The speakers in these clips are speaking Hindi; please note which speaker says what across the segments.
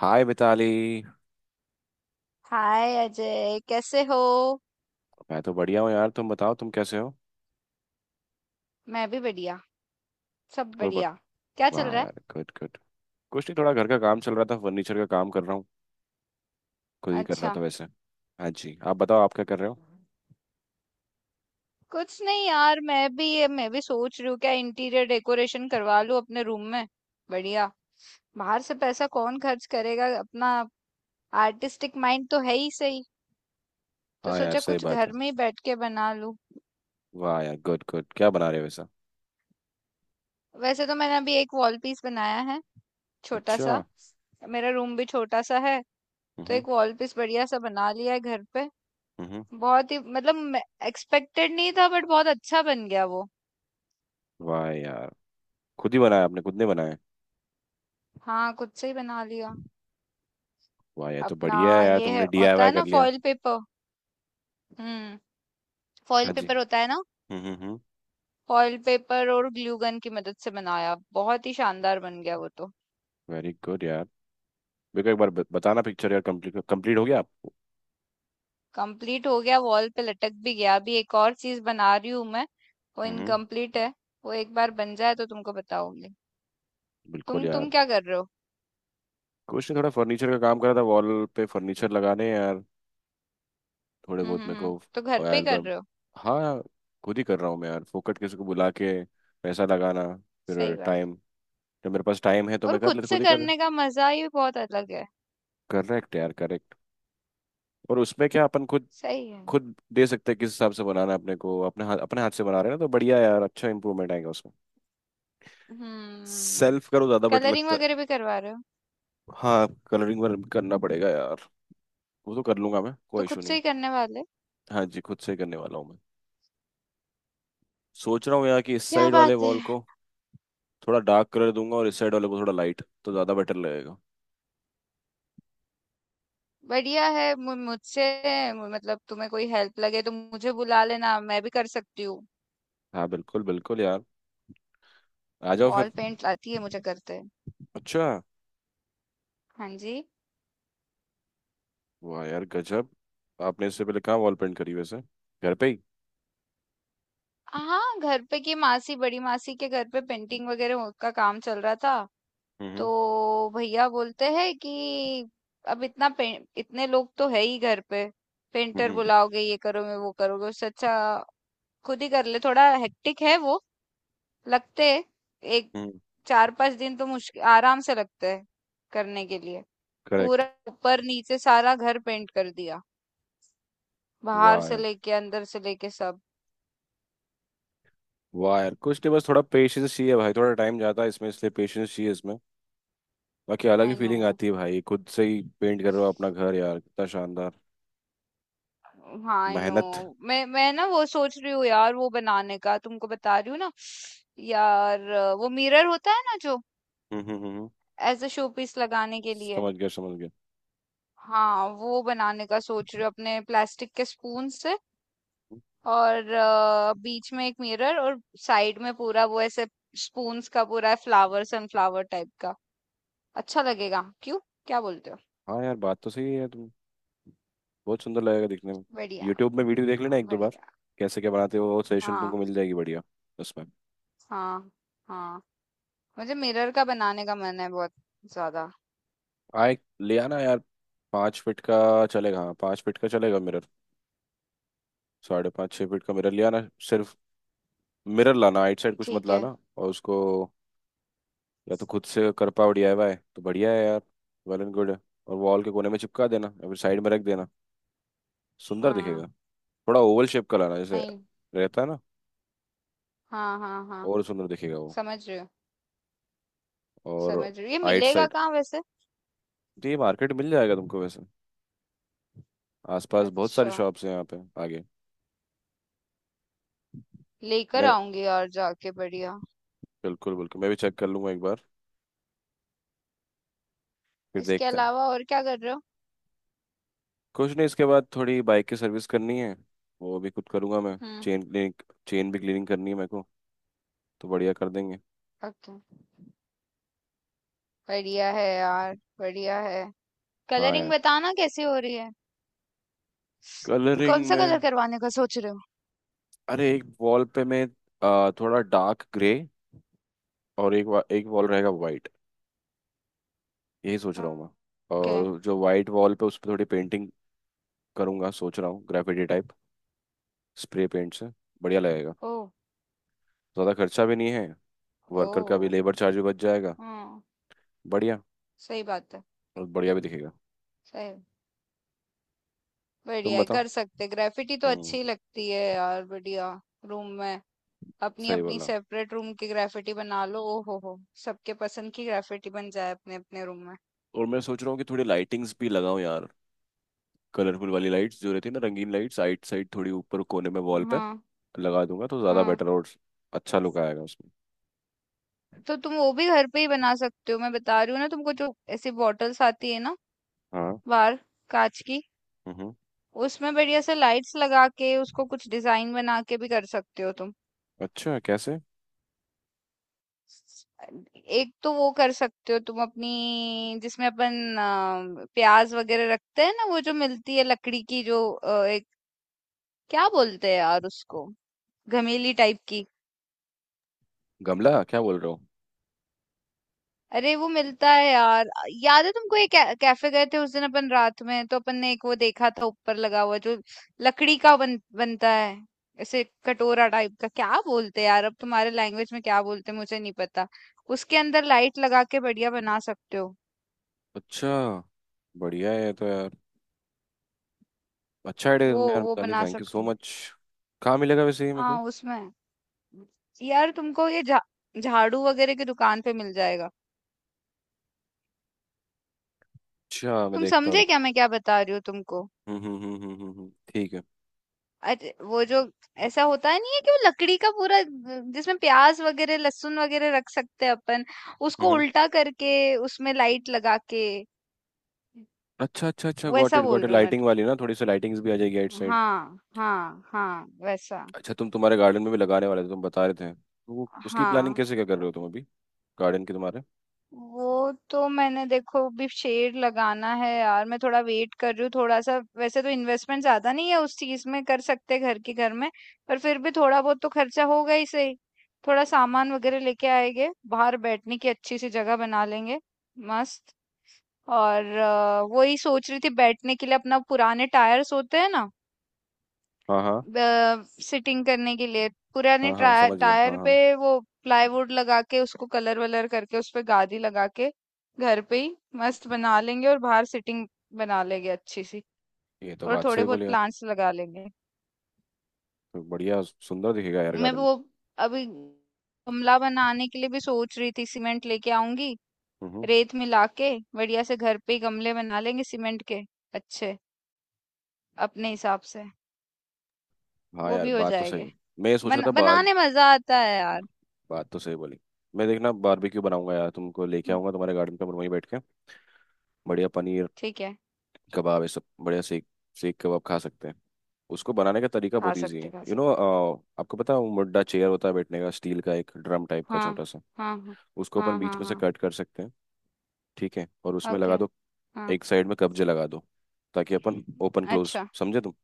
Speaker 1: हाय मिताली।
Speaker 2: हाय अजय, कैसे हो।
Speaker 1: मैं तो बढ़िया हूँ यार, तुम बताओ तुम कैसे हो।
Speaker 2: मैं भी बढ़िया। सब
Speaker 1: और बत...
Speaker 2: बढ़िया। क्या चल
Speaker 1: वाह
Speaker 2: रहा है।
Speaker 1: यार, गुड गुड। कुछ नहीं, थोड़ा घर का काम चल रहा था, फर्नीचर का काम कर रहा हूँ। खुद ही कर रहा
Speaker 2: अच्छा।
Speaker 1: था वैसे। हाँ जी, आप बताओ आप क्या कर रहे हो।
Speaker 2: कुछ नहीं यार, मैं भी सोच रही हूँ क्या इंटीरियर डेकोरेशन करवा लूँ अपने रूम में। बढ़िया। बाहर से पैसा कौन खर्च करेगा अपना। आर्टिस्टिक माइंड तो है ही सही। तो
Speaker 1: हाँ यार,
Speaker 2: सोचा
Speaker 1: सही
Speaker 2: कुछ
Speaker 1: बात है।
Speaker 2: घर में ही बैठ के बना लूँ।
Speaker 1: वाह यार, गुड गुड, क्या बना रहे हो वैसा।
Speaker 2: वैसे तो मैंने अभी एक वॉल पीस बनाया है, छोटा
Speaker 1: अच्छा।
Speaker 2: सा। मेरा रूम भी छोटा सा है। तो
Speaker 1: हम्म
Speaker 2: एक वॉल पीस बढ़िया सा बना लिया है घर पे।
Speaker 1: हम्म।
Speaker 2: बहुत ही मतलब एक्सपेक्टेड नहीं था, बट बहुत अच्छा बन गया वो।
Speaker 1: वाह यार, खुद ही बनाया आपने, खुद ने बनाया?
Speaker 2: हाँ, खुद से ही बना लिया
Speaker 1: वाह यार, तो
Speaker 2: अपना।
Speaker 1: बढ़िया है यार,
Speaker 2: ये है,
Speaker 1: तुमने
Speaker 2: होता
Speaker 1: डीआईवाई
Speaker 2: है
Speaker 1: कर
Speaker 2: ना
Speaker 1: लिया।
Speaker 2: Foil paper. हम्म। फॉइल
Speaker 1: हाँ जी।
Speaker 2: पेपर होता है ना।
Speaker 1: हम्म।
Speaker 2: फॉइल पेपर और ग्लू गन की मदद से बनाया, बहुत ही शानदार बन गया वो तो।
Speaker 1: वेरी गुड यार। मेरे को एक बार बताना पिक्चर यार, कंप्लीट कंप्लीट हो गया आप?
Speaker 2: कंप्लीट हो गया, वॉल पे लटक भी गया। अभी एक और चीज बना रही हूँ मैं। वो
Speaker 1: हम्म।
Speaker 2: इनकम्प्लीट है। वो एक बार बन जाए तो तुमको बताऊंगी।
Speaker 1: बिल्कुल
Speaker 2: तुम
Speaker 1: यार।
Speaker 2: तुम क्या कर रहे हो।
Speaker 1: कुछ नहीं, थोड़ा फर्नीचर का काम करा था, वॉल पे फर्नीचर लगाने हैं यार, थोड़े बहुत मेरे
Speaker 2: हम्म,
Speaker 1: को।
Speaker 2: तो घर पे ही कर
Speaker 1: एल्बम।
Speaker 2: रहे हो।
Speaker 1: हाँ, खुद ही कर रहा हूँ मैं यार, फोकट किसी को बुला के पैसा लगाना, फिर
Speaker 2: सही बात।
Speaker 1: टाइम। जब मेरे पास टाइम है तो
Speaker 2: और
Speaker 1: मैं कर
Speaker 2: खुद
Speaker 1: लेता,
Speaker 2: से
Speaker 1: खुद ही कर।
Speaker 2: करने का मजा ही बहुत अलग है।
Speaker 1: करेक्ट यार, करेक्ट। और उसमें क्या, अपन खुद
Speaker 2: सही है।
Speaker 1: खुद दे सकते हैं किस हिसाब से बनाना है अपने को, अपने हाथ से बना रहे हैं ना, तो बढ़िया यार, अच्छा इंप्रूवमेंट आएगा उसमें।
Speaker 2: हम्म।
Speaker 1: सेल्फ करो, ज्यादा बेटर
Speaker 2: कलरिंग
Speaker 1: लगता है।
Speaker 2: वगैरह भी करवा रहे हो।
Speaker 1: हाँ, कलरिंग वर्क करना पड़ेगा यार, वो तो कर लूंगा मैं,
Speaker 2: तो
Speaker 1: कोई
Speaker 2: खुद
Speaker 1: इशू
Speaker 2: से
Speaker 1: नहीं।
Speaker 2: ही करने वाले।
Speaker 1: हाँ जी, खुद से ही करने वाला हूँ मैं। सोच रहा हूँ यार कि इस
Speaker 2: क्या
Speaker 1: साइड वाले
Speaker 2: बात है।
Speaker 1: वॉल को थोड़ा डार्क कलर दूंगा, और इस साइड वाले को थोड़ा लाइट, तो ज्यादा बेटर लगेगा।
Speaker 2: बढ़िया है। मुझसे मतलब तुम्हें कोई हेल्प लगे तो मुझे बुला लेना, मैं भी कर सकती हूँ।
Speaker 1: हाँ बिल्कुल बिल्कुल यार, आ जाओ फिर।
Speaker 2: वॉल पेंट आती है मुझे करते।
Speaker 1: अच्छा।
Speaker 2: हाँ जी।
Speaker 1: वाह यार, गजब। आपने इससे पहले कहाँ वॉल पेंट करी वैसे, घर पे ही?
Speaker 2: हाँ, घर पे की। मासी, बड़ी मासी के घर पे पेंटिंग वगैरह का काम चल रहा था। तो
Speaker 1: हम्म
Speaker 2: भैया बोलते हैं कि अब इतने लोग तो है ही घर पे, पेंटर
Speaker 1: हम्म
Speaker 2: बुलाओगे, ये करोगे, वो करोगे, उससे अच्छा खुद ही कर ले। थोड़ा हेक्टिक है वो, लगते हैं, एक
Speaker 1: हम्म।
Speaker 2: चार पांच दिन तो मुश्किल आराम से लगते हैं करने के लिए।
Speaker 1: करेक्ट।
Speaker 2: पूरा ऊपर नीचे सारा घर पेंट कर दिया, बाहर
Speaker 1: वाह
Speaker 2: से
Speaker 1: यार।
Speaker 2: लेके अंदर से लेके सब।
Speaker 1: वाह यार, कुछ नहीं, बस थोड़ा पेशेंस चाहिए भाई, थोड़ा टाइम जाता है इसमें, इसलिए पेशेंस चाहिए इसमें। बाकी अलग ही
Speaker 2: आई नो।
Speaker 1: फीलिंग आती है भाई, खुद से ही पेंट कर रहे हो अपना घर यार, कितना शानदार
Speaker 2: हाँ आई नो।
Speaker 1: मेहनत।
Speaker 2: मैं ना वो सोच रही हूँ यार, वो बनाने का तुमको बता रही हूँ ना यार, वो मिरर होता है ना जो
Speaker 1: हम्म हम्म हम्म,
Speaker 2: एज अ शो पीस लगाने के लिए।
Speaker 1: समझ गया समझ गया।
Speaker 2: हाँ, वो बनाने का सोच रही हूँ अपने प्लास्टिक के स्पून से। और बीच में एक मिरर और साइड में पूरा वो ऐसे स्पून्स का पूरा फ्लावर सनफ्लावर टाइप का। अच्छा लगेगा क्यों, क्या बोलते हो।
Speaker 1: हाँ यार, बात तो सही है तुम। बहुत सुंदर लगेगा दिखने में।
Speaker 2: बढ़िया।
Speaker 1: यूट्यूब में वीडियो देख लेना एक दो बार,
Speaker 2: बढ़िया।
Speaker 1: कैसे क्या बनाते हो, वो सजेशन तुमको
Speaker 2: हाँ
Speaker 1: मिल जाएगी बढ़िया उसमें।
Speaker 2: हाँ हाँ। मुझे मिरर का बनाने का मन है बहुत ज्यादा।
Speaker 1: हाँ, एक ले आना यार। पाँच फीट का चलेगा, हाँ पाँच फीट का चलेगा मिरर, साढ़े पाँच छः फीट का मिरर ले आना। सिर्फ मिरर लाना, आइट साइड कुछ मत
Speaker 2: ठीक है।
Speaker 1: लाना, और उसको या तो खुद से कर पाओ डीआईवाई तो बढ़िया है यार, वेल एंड गुड है। और वॉल के कोने में चिपका देना या फिर साइड में रख देना, सुंदर
Speaker 2: हाँ।
Speaker 1: दिखेगा। थोड़ा ओवल शेप का लाना, जैसे
Speaker 2: नहीं।
Speaker 1: रहता है ना,
Speaker 2: हाँ हाँ हाँ।
Speaker 1: और सुंदर दिखेगा वो।
Speaker 2: समझ रही हूँ।
Speaker 1: और
Speaker 2: समझ रही हूँ ये
Speaker 1: आइट
Speaker 2: मिलेगा
Speaker 1: साइड
Speaker 2: कहाँ वैसे।
Speaker 1: तो ये मार्केट मिल जाएगा तुमको वैसे, आसपास बहुत सारी
Speaker 2: अच्छा।
Speaker 1: शॉप्स हैं यहाँ पे आगे।
Speaker 2: लेकर
Speaker 1: मैं
Speaker 2: आऊंगी यार जाके। बढ़िया।
Speaker 1: बिल्कुल बिल्कुल, मैं भी चेक कर लूंगा एक बार, फिर
Speaker 2: इसके
Speaker 1: देखते हैं।
Speaker 2: अलावा और क्या कर रहे हो।
Speaker 1: कुछ नहीं, इसके बाद थोड़ी बाइक की सर्विस करनी है, वो भी खुद करूंगा मैं।
Speaker 2: हम्म।
Speaker 1: चेन क्लीनिंग, चेन भी क्लीनिंग करनी है मेरे को, तो बढ़िया कर देंगे।
Speaker 2: ओके। बढ़िया है यार, बढ़िया है।
Speaker 1: हाँ
Speaker 2: कलरिंग
Speaker 1: यार,
Speaker 2: बताना कैसे हो रही है।
Speaker 1: कलरिंग
Speaker 2: कौन सा
Speaker 1: में,
Speaker 2: कलर करवाने का सोच रहे हो।
Speaker 1: अरे एक वॉल पे मैं थोड़ा डार्क ग्रे, और एक वॉल रहेगा वाइट, यही सोच रहा हूँ मैं।
Speaker 2: ओके।
Speaker 1: और जो वाइट वॉल पे, उस पर थोड़ी पेंटिंग करूंगा, सोच रहा हूँ ग्रेफिटी टाइप, स्प्रे पेंट से, बढ़िया लगेगा।
Speaker 2: ओ।
Speaker 1: ज़्यादा खर्चा भी नहीं है, वर्कर का भी
Speaker 2: ओ।
Speaker 1: लेबर चार्ज भी बच जाएगा,
Speaker 2: हाँ।
Speaker 1: बढ़िया।
Speaker 2: सही बात है।
Speaker 1: और बढ़िया भी दिखेगा।
Speaker 2: सही।
Speaker 1: तुम
Speaker 2: बढ़िया है,
Speaker 1: बताओ।
Speaker 2: कर सकते। ग्रेफिटी तो
Speaker 1: हम्म।
Speaker 2: अच्छी लगती है यार, बढ़िया। रूम में अपनी
Speaker 1: सही
Speaker 2: अपनी
Speaker 1: बोला।
Speaker 2: सेपरेट रूम की ग्रेफिटी बना लो। ओ हो हो। सबके पसंद की ग्रेफिटी बन जाए अपने अपने रूम में।
Speaker 1: और मैं सोच रहा हूँ कि थोड़ी लाइटिंग्स भी लगाऊं यार, कलरफुल वाली लाइट्स जो रहती है ना, रंगीन लाइट्स, साइड साइड थोड़ी ऊपर कोने में वॉल पे
Speaker 2: हाँ।
Speaker 1: लगा दूंगा तो ज्यादा
Speaker 2: हाँ।
Speaker 1: बेटर और अच्छा लुक आएगा उसमें।
Speaker 2: तो तुम वो भी घर पे ही बना सकते हो। मैं बता रही हूँ ना तुमको, जो ऐसी बॉटल्स आती है ना
Speaker 1: हाँ।
Speaker 2: बाहर, कांच की।
Speaker 1: हम्म।
Speaker 2: उसमें बढ़िया से लाइट्स लगा के, उसको कुछ डिजाइन बना के भी कर सकते हो तुम।
Speaker 1: अच्छा कैसे?
Speaker 2: एक तो वो कर सकते हो तुम अपनी, जिसमें अपन प्याज वगैरह रखते हैं ना, वो जो मिलती है लकड़ी की जो एक क्या बोलते हैं यार उसको, घमेली टाइप की।
Speaker 1: गमला क्या बोल रहे हो?
Speaker 2: अरे वो मिलता है यार। याद है तुमको, एक कैफे गए थे उस दिन अपन रात में, तो अपन ने एक वो देखा था ऊपर लगा हुआ, जो लकड़ी का बनता है ऐसे कटोरा टाइप का, क्या बोलते हैं यार अब तुम्हारे लैंग्वेज में, क्या बोलते हैं मुझे नहीं पता। उसके अंदर लाइट लगा के बढ़िया बना सकते हो।
Speaker 1: अच्छा, बढ़िया है ये तो यार, अच्छा आइडिया
Speaker 2: वो
Speaker 1: तुमने यार
Speaker 2: वो
Speaker 1: मिताली,
Speaker 2: बना
Speaker 1: थैंक यू
Speaker 2: सकते
Speaker 1: सो
Speaker 2: हो।
Speaker 1: मच। कहाँ मिलेगा वैसे ये मेरे को?
Speaker 2: हाँ उसमें। यार तुमको ये झाड़ू वगैरह की दुकान पे मिल जाएगा।
Speaker 1: अच्छा, मैं
Speaker 2: तुम
Speaker 1: देखता हूँ।
Speaker 2: समझे क्या मैं क्या बता रही हूँ तुमको।
Speaker 1: ठीक है।
Speaker 2: अरे वो जो ऐसा होता है, नहीं है कि वो लकड़ी का पूरा जिसमें प्याज वगैरह लहसुन वगैरह रख सकते हैं अपन, उसको
Speaker 1: हम्म।
Speaker 2: उल्टा करके उसमें लाइट लगा के,
Speaker 1: अच्छा अच्छा अच्छा, गॉट
Speaker 2: वैसा
Speaker 1: इट गॉट
Speaker 2: बोल
Speaker 1: इट,
Speaker 2: रही हूँ मैं
Speaker 1: लाइटिंग
Speaker 2: तो।
Speaker 1: वाली ना, थोड़ी सी लाइटिंग्स भी आ जाएगी आउट साइड।
Speaker 2: हाँ हाँ हाँ वैसा।
Speaker 1: अच्छा तुम तुम्हारे गार्डन में भी लगाने वाले थे, तुम बता रहे थे, तो वो उसकी प्लानिंग
Speaker 2: हाँ,
Speaker 1: कैसे क्या कर रहे हो तुम अभी, गार्डन की तुम्हारे।
Speaker 2: वो तो मैंने, देखो भी शेड लगाना है यार। मैं थोड़ा वेट कर रही हूँ थोड़ा सा। वैसे तो इन्वेस्टमेंट ज्यादा नहीं है उस चीज में, कर सकते घर के घर में, पर फिर भी थोड़ा बहुत तो खर्चा होगा ही सही। थोड़ा सामान वगैरह लेके आएंगे, बाहर बैठने की अच्छी सी जगह बना लेंगे मस्त। और वही सोच रही थी, बैठने के लिए अपना पुराने टायर्स होते हैं ना,
Speaker 1: हाँ हाँ
Speaker 2: सिटिंग करने के लिए पुराने
Speaker 1: हाँ हाँ समझ गया हाँ
Speaker 2: टायर पे
Speaker 1: हाँ।
Speaker 2: वो प्लाईवुड लगा के उसको कलर वलर करके उस पे गादी लगा के घर पे ही मस्त बना लेंगे, और बाहर सिटिंग बना लेंगे अच्छी सी।
Speaker 1: ये तो
Speaker 2: और
Speaker 1: बात
Speaker 2: थोड़े
Speaker 1: सही बोली
Speaker 2: बहुत
Speaker 1: यार।
Speaker 2: प्लांट्स लगा लेंगे।
Speaker 1: तो बढ़िया, सुंदर दिखेगा यार
Speaker 2: मैं
Speaker 1: गार्डन।
Speaker 2: वो अभी गमला बनाने के लिए भी सोच रही थी, सीमेंट लेके आऊंगी,
Speaker 1: हम्म।
Speaker 2: रेत मिला के बढ़िया से घर पे ही गमले बना लेंगे सीमेंट के, अच्छे, अपने हिसाब से।
Speaker 1: हाँ
Speaker 2: वो
Speaker 1: यार,
Speaker 2: भी हो
Speaker 1: बात तो
Speaker 2: जाएंगे।
Speaker 1: सही। मैं ये सोच रहा था बार,
Speaker 2: बनाने मजा आता है यार।
Speaker 1: बात तो सही बोली। मैं देखना बारबेक्यू बनाऊंगा यार, तुमको लेके
Speaker 2: हम्म,
Speaker 1: आऊंगा तुम्हारे गार्डन पे, वहीं बैठ के बढ़िया पनीर
Speaker 2: ठीक है।
Speaker 1: कबाब, ये सब बढ़िया सेक सेक कबाब खा सकते हैं। उसको बनाने का तरीका
Speaker 2: खा
Speaker 1: बहुत ईजी
Speaker 2: सकते,
Speaker 1: है
Speaker 2: खा
Speaker 1: यू नो।
Speaker 2: सकते।
Speaker 1: आपको पता है वो मुड्डा चेयर होता है बैठने का, स्टील का एक ड्रम टाइप का
Speaker 2: हाँ,
Speaker 1: छोटा सा,
Speaker 2: हाँ, हाँ।
Speaker 1: उसको अपन
Speaker 2: हाँ,
Speaker 1: बीच
Speaker 2: हाँ,
Speaker 1: में से
Speaker 2: हाँ।
Speaker 1: कट कर सकते हैं, ठीक है, और उसमें
Speaker 2: ओके,
Speaker 1: लगा दो,
Speaker 2: हाँ।
Speaker 1: एक साइड में कब्जे लगा दो, ताकि अपन ओपन क्लोज,
Speaker 2: अच्छा,
Speaker 1: समझे तुम,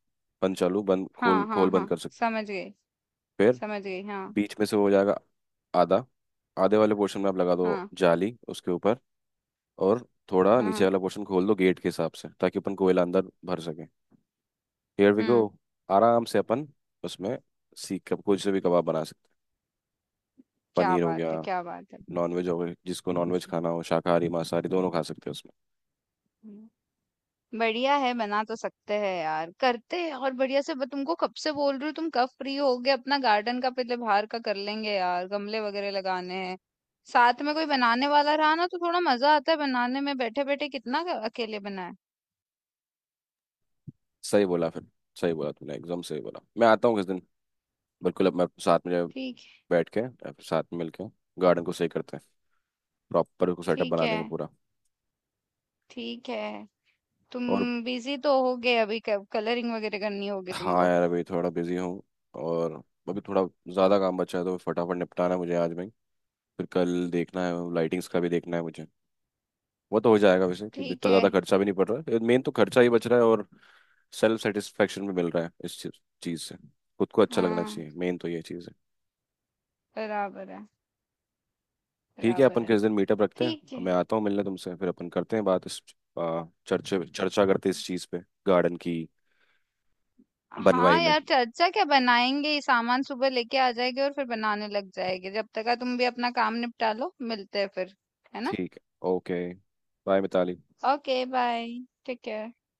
Speaker 1: बंद चालू बंद, खोल
Speaker 2: हाँ, हाँ,
Speaker 1: खोल बंद
Speaker 2: हाँ।
Speaker 1: कर सकते।
Speaker 2: समझ गई,
Speaker 1: फिर
Speaker 2: समझ गई। हाँ,
Speaker 1: बीच में से वो हो जाएगा आधा, आधे वाले पोर्शन में आप लगा दो
Speaker 2: हाँ,
Speaker 1: जाली उसके ऊपर, और थोड़ा
Speaker 2: हाँ,
Speaker 1: नीचे
Speaker 2: हाँ।
Speaker 1: वाला पोर्शन खोल दो गेट के हिसाब से, ताकि अपन कोयला अंदर भर सके। हियर वी गो,
Speaker 2: हुँ,
Speaker 1: आराम से अपन उसमें सीख कब कुछ से भी कबाब बना सकते हैं,
Speaker 2: क्या
Speaker 1: पनीर हो गया,
Speaker 2: बात है, क्या बात है।
Speaker 1: नॉनवेज हो गया, जिसको नॉनवेज खाना हो, शाकाहारी मांसाहारी दोनों खा सकते हैं उसमें।
Speaker 2: हम्म, बढ़िया है, बना तो सकते हैं यार। करते हैं और बढ़िया से। मैं तुमको कब से बोल रही हूँ, तुम कब फ्री होगे। अपना गार्डन का पहले बाहर का कर लेंगे यार, गमले वगैरह लगाने हैं। साथ में कोई बनाने वाला रहा ना तो थोड़ा मज़ा आता है बनाने में, बैठे-बैठे कितना अकेले बनाएँ।
Speaker 1: सही बोला फिर, सही बोला तुमने, एकदम सही बोला। मैं आता हूँ किस दिन, बिल्कुल, अब मैं साथ में, जब
Speaker 2: ठीक
Speaker 1: बैठ के, अब साथ में मिलके गार्डन को सही करते हैं, प्रॉपर उसको सेटअप
Speaker 2: ठीक
Speaker 1: बना
Speaker 2: है,
Speaker 1: देंगे पूरा।
Speaker 2: ठीक है। तुम
Speaker 1: और
Speaker 2: बिजी तो होगे अभी, कलरिंग वगैरह करनी होगी
Speaker 1: हाँ
Speaker 2: तुमको।
Speaker 1: यार, अभी थोड़ा बिजी हूँ, और अभी थोड़ा ज़्यादा काम बचा है, तो फटाफट निपटाना है मुझे आज में ही। फिर कल देखना है, लाइटिंग्स का भी देखना है मुझे। वो तो हो जाएगा वैसे, कि
Speaker 2: ठीक
Speaker 1: इतना
Speaker 2: है।
Speaker 1: ज़्यादा खर्चा भी नहीं पड़ रहा है, मेन तो खर्चा ही बच रहा है, और सेल्फ सेटिस्फेक्शन भी मिल रहा है इस चीज़ चीज़ से, खुद को अच्छा लगना
Speaker 2: हाँ।
Speaker 1: चाहिए, मेन तो ये चीज़।
Speaker 2: बराबर है।
Speaker 1: ठीक है,
Speaker 2: बराबर
Speaker 1: अपन
Speaker 2: है।
Speaker 1: किस दिन मीटअप रखते
Speaker 2: ठीक
Speaker 1: हैं,
Speaker 2: है।
Speaker 1: मैं आता हूँ मिलने तुमसे, फिर अपन करते हैं बात इस, चर्चे चर्चा करते हैं इस चीज़ पे, गार्डन की बनवाई
Speaker 2: हाँ
Speaker 1: में।
Speaker 2: यार, चर्चा क्या, बनाएंगे ये सामान सुबह लेके आ जाएंगे और फिर बनाने लग जाएंगे। जब तक का तुम भी अपना काम निपटा लो, मिलते हैं फिर। है ना।
Speaker 1: ठीक है, okay, bye Mitali.
Speaker 2: Okay bye. Take care.